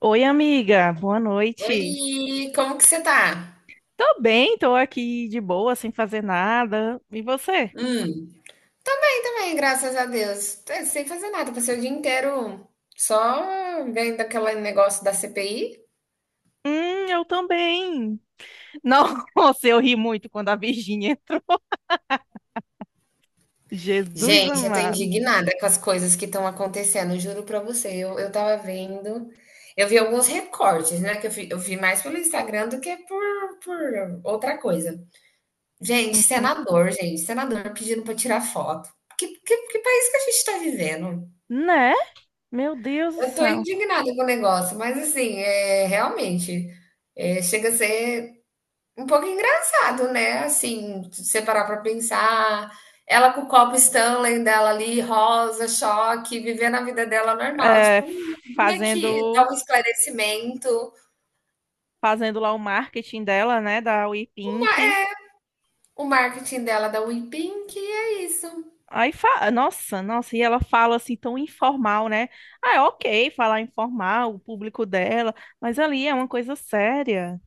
Oi, amiga, boa noite. Oi, como que você tá? Tô bem, tô aqui de boa, sem fazer nada. E você? Hum. Bem também, graças a Deus. Tô sem fazer nada, passei o dia inteiro só vendo aquele negócio da CPI. Eu também. Nossa, eu ri muito quando a Virgínia entrou. Jesus Gente, eu tô amado. indignada com as coisas que estão acontecendo, juro pra você. Eu tava vendo, eu vi alguns recortes, né? Que eu vi mais pelo Instagram do que por outra coisa. Hum? Gente, senador pedindo pra tirar foto. Que país que a gente tá vivendo? Né? Meu Deus do Eu tô céu. indignada com o negócio, mas assim, é realmente chega a ser um pouco engraçado, né? Assim, se você parar pra pensar, ela com o copo Stanley dela ali, rosa, choque, vivendo a vida dela normal. É, Tipo, vim aqui dar fazendo, um esclarecimento." fazendo lá o marketing dela, né, da WePink. O marketing dela da WePink, e é isso. Aí, nossa, e ela fala assim tão informal, né? Ah, é ok falar informal, o público dela, mas ali é uma coisa séria.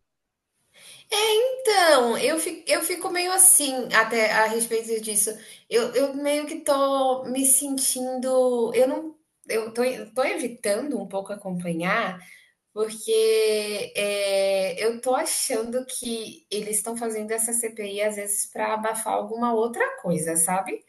Então, eu fico meio assim até a respeito disso. Eu meio que tô me sentindo. Eu não. Eu tô evitando um pouco acompanhar, porque eu tô achando que eles estão fazendo essa CPI às vezes para abafar alguma outra coisa, sabe?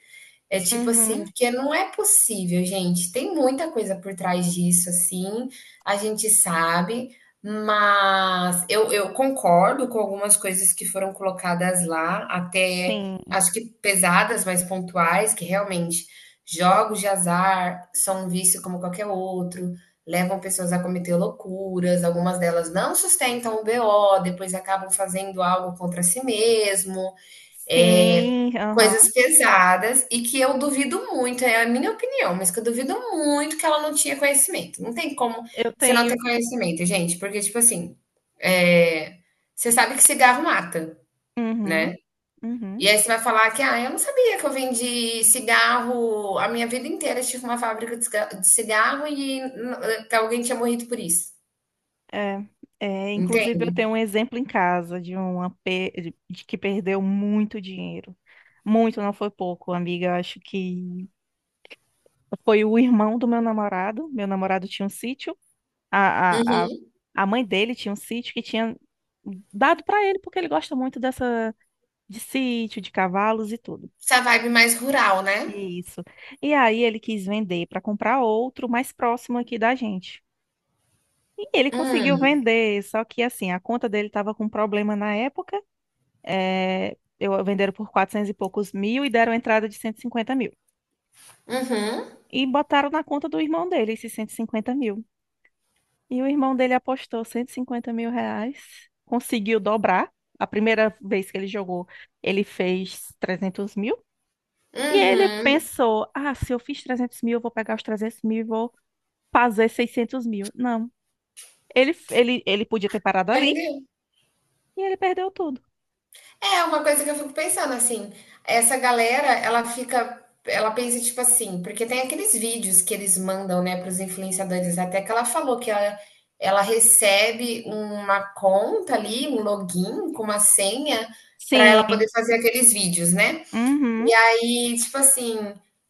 É tipo assim, Uhum. porque não é possível, gente. Tem muita coisa por trás disso, assim, a gente sabe, mas eu concordo com algumas coisas que foram colocadas lá, até Sim. acho que pesadas, mas pontuais, que realmente jogos de azar são um vício como qualquer outro, levam pessoas a cometer loucuras, algumas delas não sustentam o BO, depois acabam fazendo algo contra si mesmo. É, Sim, aham. coisas pesadas e que eu duvido muito, é a minha opinião, mas que eu duvido muito que ela não tinha conhecimento. Não tem como Eu você não tenho. ter conhecimento, gente, porque, tipo assim, eh, você sabe que cigarro mata, Uhum, né? uhum. E aí você vai falar que, ah, eu não sabia que eu vendi cigarro a minha vida inteira, tive uma fábrica de de cigarro e que alguém tinha morrido por isso. É, inclusive Entende? eu tenho um exemplo em casa de de que perdeu muito dinheiro. Muito, não foi pouco, amiga. Eu acho que foi o irmão do meu namorado. Meu namorado tinha um sítio. A, a, a, Uhum. a mãe dele tinha um sítio que tinha dado para ele porque ele gosta muito dessa de sítio, de cavalos e tudo. Essa vibe mais rural, né? Isso. E aí ele quis vender para comprar outro mais próximo aqui da gente. E ele conseguiu Hum, vender, só que assim, a conta dele estava com problema na época. É, eu venderam por 400 e poucos mil e deram entrada de 150 mil. uhum, E botaram na conta do irmão dele esses 150 mil. E o irmão dele apostou 150 mil reais, conseguiu dobrar. A primeira vez que ele jogou, ele fez 300 mil. E ele uhum. pensou: ah, se eu fiz 300 mil, eu vou pegar os 300 mil fazer 600 mil. Não. Ele podia ter parado ali Perdeu. e ele perdeu tudo. É uma coisa que eu fico pensando assim, essa galera, ela pensa tipo assim, porque tem aqueles vídeos que eles mandam, né, para os influenciadores, até que ela falou que ela recebe uma conta ali, um login com uma senha para Sim. ela poder fazer aqueles vídeos, né? E Uhum. aí, tipo assim,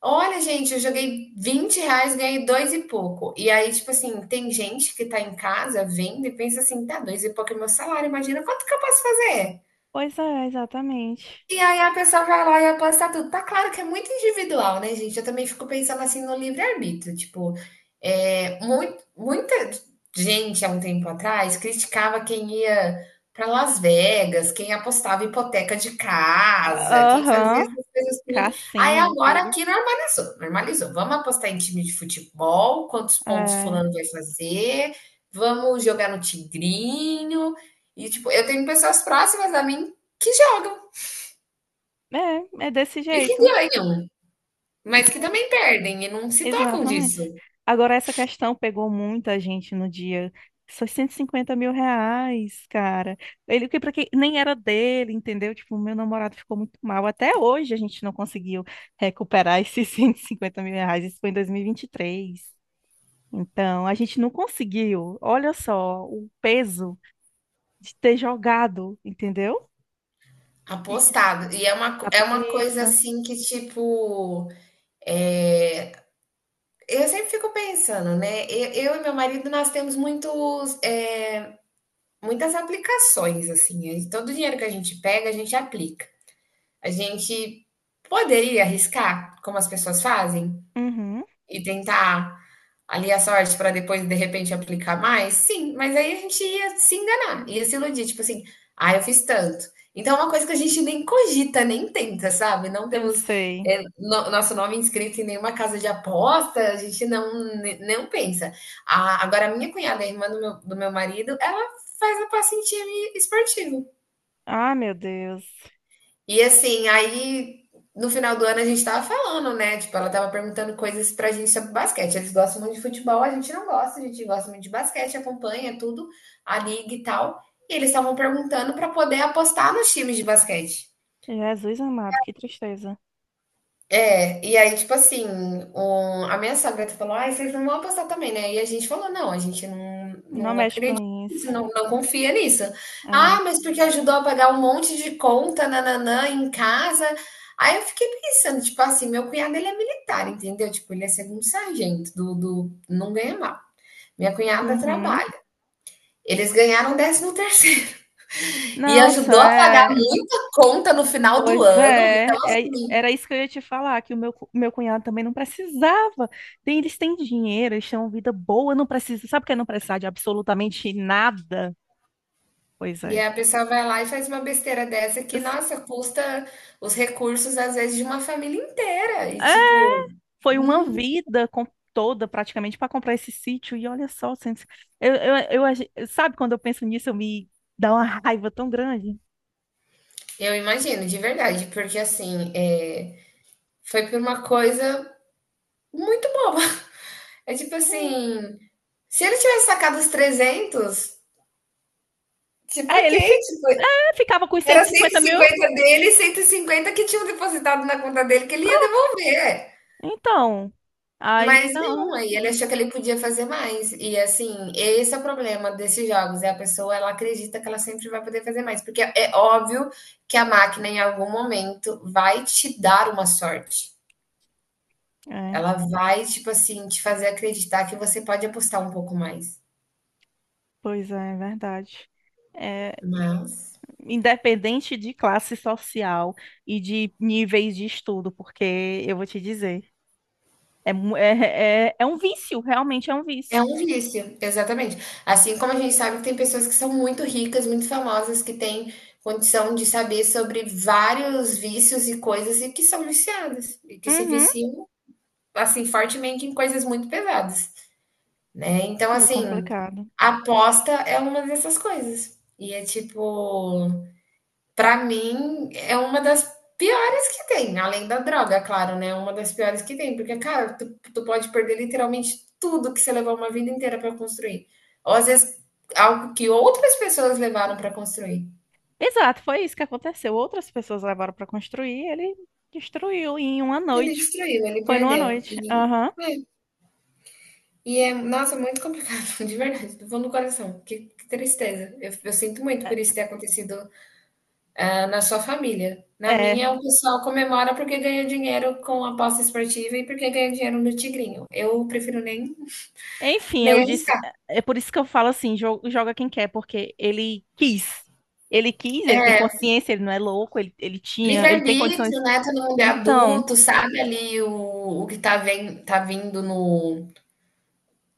olha, gente, eu joguei 20 reais, ganhei dois e pouco. E aí, tipo assim, tem gente que tá em casa vendo e pensa assim, tá, dois e pouco é meu salário, imagina quanto que eu posso fazer? Pois é, exatamente. E aí a pessoa vai lá e aposta tudo. Tá claro que é muito individual, né, gente? Eu também fico pensando assim no livre-arbítrio. Tipo, muito, muita gente há um tempo atrás criticava quem ia para Las Vegas, quem apostava hipoteca de casa, quem fazia Aham. essas coisas tudo. Aí Cassino e agora tudo. aqui normalizou, normalizou. Vamos apostar em time de futebol, quantos pontos É, fulano vai fazer, vamos jogar no tigrinho. E, tipo, eu tenho pessoas próximas a mim que jogam. É desse E que jeito. ganham, mas que também perdem e não se tocam disso. Exatamente. Agora, essa questão pegou muita gente no dia. Só 150 mil reais, cara. Ele que para quem nem era dele, entendeu? Tipo, meu namorado ficou muito mal. Até hoje a gente não conseguiu recuperar esses 150 mil reais. Isso foi em dois mil e vinte e três. Então, a gente não conseguiu. Olha só o peso de ter jogado, entendeu? E- Apostado. E é uma, é uma coisa Isso. assim que, tipo, é, eu sempre fico pensando, né? Eu, e meu marido, nós temos muitos, muitas aplicações, assim. E todo o dinheiro que a gente pega, a gente aplica. A gente poderia arriscar, como as pessoas fazem, Uhum, e tentar ali a sorte para depois, de repente, aplicar mais? Sim, mas aí a gente ia se enganar, ia se iludir, tipo assim, ah, eu fiz tanto. Então é uma coisa que a gente nem cogita, nem tenta, sabe? Não eu temos sei. Nosso nome inscrito em nenhuma casa de aposta, a gente não, não pensa. A- agora, a minha cunhada, a irmã do meu marido, ela faz a pacentinha esportiva. Ah, meu Deus. E assim, aí no final do ano a gente tava falando, né? Tipo, ela tava perguntando coisas pra gente sobre basquete. Eles gostam muito de futebol, a gente não gosta, a gente gosta muito de basquete, acompanha tudo, a liga e tal. E eles estavam perguntando pra poder apostar nos times de basquete. Jesus amado, que tristeza. É, e aí, tipo assim, a minha sogra falou, ai, vocês não vão apostar também, né? E a gente falou, não, a gente não, Não não mexe acredita com nisso, isso. não, não confia nisso. É. Ah, mas porque ajudou a pagar um monte de conta, nananã, em casa. Aí eu fiquei pensando, tipo assim, meu cunhado, ele é militar, entendeu? Tipo, ele é segundo sargento, do, não ganha mal. Minha cunhada Uhum. trabalha. Eles ganharam 13º terceiro e Nossa, ajudou a pagar é. muita conta no final do Pois ano. Então, é. Assim, Era isso que eu ia te falar, que meu cunhado também não precisava. Tem, eles têm dinheiro, eles têm uma vida boa, não precisa. Sabe o que é não precisar de absolutamente nada? Pois e é. aí a pessoa vai lá e faz uma besteira dessa que, Es- nossa, custa os recursos, às vezes, de uma família inteira. E, É, tipo, foi não... toda praticamente para comprar esse sítio. E olha só, Santos, sabe quando eu penso nisso, eu me dá uma raiva tão grande. eu imagino, de verdade, porque, assim, foi por uma coisa muito boba. É tipo Hum. assim, se ele tivesse sacado os trezentos, tipo, Aí ok, ele fica tipo, ficava com os era cento e cento e cinquenta mil. cinquenta dele e 150 que tinham depositado na conta dele que ele ia Pronto. devolver. Então. Aí Mas não, não. aí ele achou que ele podia fazer mais. E assim, esse é o problema desses jogos, é a pessoa, ela acredita que ela sempre vai poder fazer mais, porque é óbvio que a máquina em algum momento vai te dar uma sorte. É, Ela vai, tipo assim, te fazer acreditar que você pode apostar um pouco mais. pois é, é verdade. É, Mas independente de classe social e de níveis de estudo, porque eu vou te dizer, é um vício, realmente é um é vício. um vício, exatamente. Assim como a gente sabe que tem pessoas que são muito ricas, muito famosas, que têm condição de saber sobre vários vícios e coisas e que são viciadas, e que se Uhum. viciam assim, fortemente em coisas muito pesadas, né? Então, Foi assim, complicado. aposta é uma dessas coisas. E é tipo, pra mim, é uma das piores que tem, além da droga, claro, né? Uma das piores que tem, porque, cara, tu pode perder literalmente tudo que você levou uma vida inteira pra construir. Ou às vezes algo que outras pessoas levaram pra construir. Exato, foi isso que aconteceu. Outras pessoas levaram para construir, ele destruiu em uma Ele noite. destruiu, ele Foi numa perdeu. noite. Aham. é, nossa, muito complicado, de verdade, do fundo do coração. Que tristeza. Eu sinto muito É, por isso ter acontecido, ah, na sua família. Na minha, é. o pessoal comemora porque ganha dinheiro com aposta esportiva e porque ganha dinheiro no Tigrinho. Eu prefiro nem, Enfim, nem eu disse, arriscar. é por isso que eu falo assim, joga quem quer, porque ele quis. Ele quis, ele tem consciência, ele não é louco, ele tinha, ele tem Livre-arbítrio, condições. né? Todo mundo é Então, adulto, sabe ali o que tá, tá vindo no,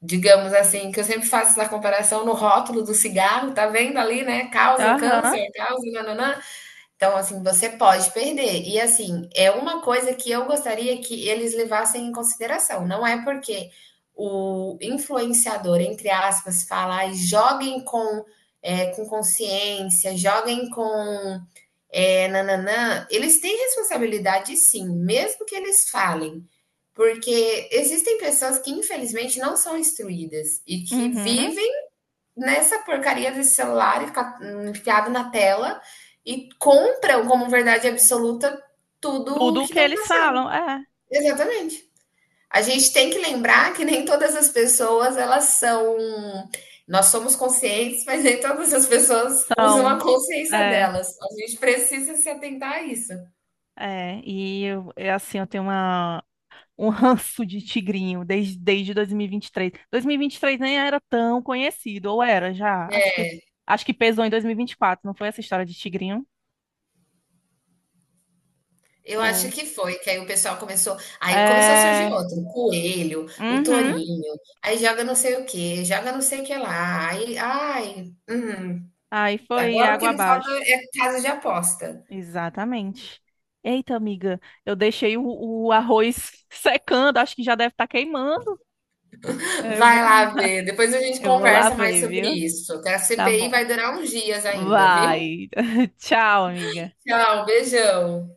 digamos assim, que eu sempre faço essa comparação no rótulo do cigarro, tá vendo ali, né? Causa aham, câncer, causa nananã. Então, assim, você pode perder. E, assim, é uma coisa que eu gostaria que eles levassem em consideração. Não é porque o influenciador, entre aspas, fala, e joguem com, com consciência, joguem com nananã. Eles têm responsabilidade, sim, mesmo que eles falem. Porque existem pessoas que, infelizmente, não são instruídas e que uhum. vivem nessa porcaria desse celular enfiado na tela e compram como verdade absoluta tudo Tudo o que que estão eles passando. falam, Exatamente. A gente tem que lembrar que nem todas as pessoas elas são. Nós somos conscientes, mas nem todas as pessoas usam a são, consciência é, delas. A gente precisa se atentar a isso. é. E eu, é assim, eu tenho uma, um ranço de tigrinho desde 2023. 2023 nem era tão conhecido, ou era já? Acho que pesou em 2024, não foi essa história de tigrinho? Eu acho Foi. que foi, que aí o pessoal começou. Aí começou a surgir É. outro: o coelho, o Uhum. tourinho, aí joga não sei o que joga não sei o que lá. Aí, ai, Aí foi agora o que água não falta abaixo. é casa de aposta. Exatamente. Eita, amiga, eu deixei o, o arroz secando, acho que já deve estar queimando. Eu vou, Vai lá ver, depois a gente eu vou lá conversa mais ver, sobre viu? isso. Que a Tá CPI bom. vai durar uns dias ainda, viu? Vai. Tchau, amiga. Tchau, beijão.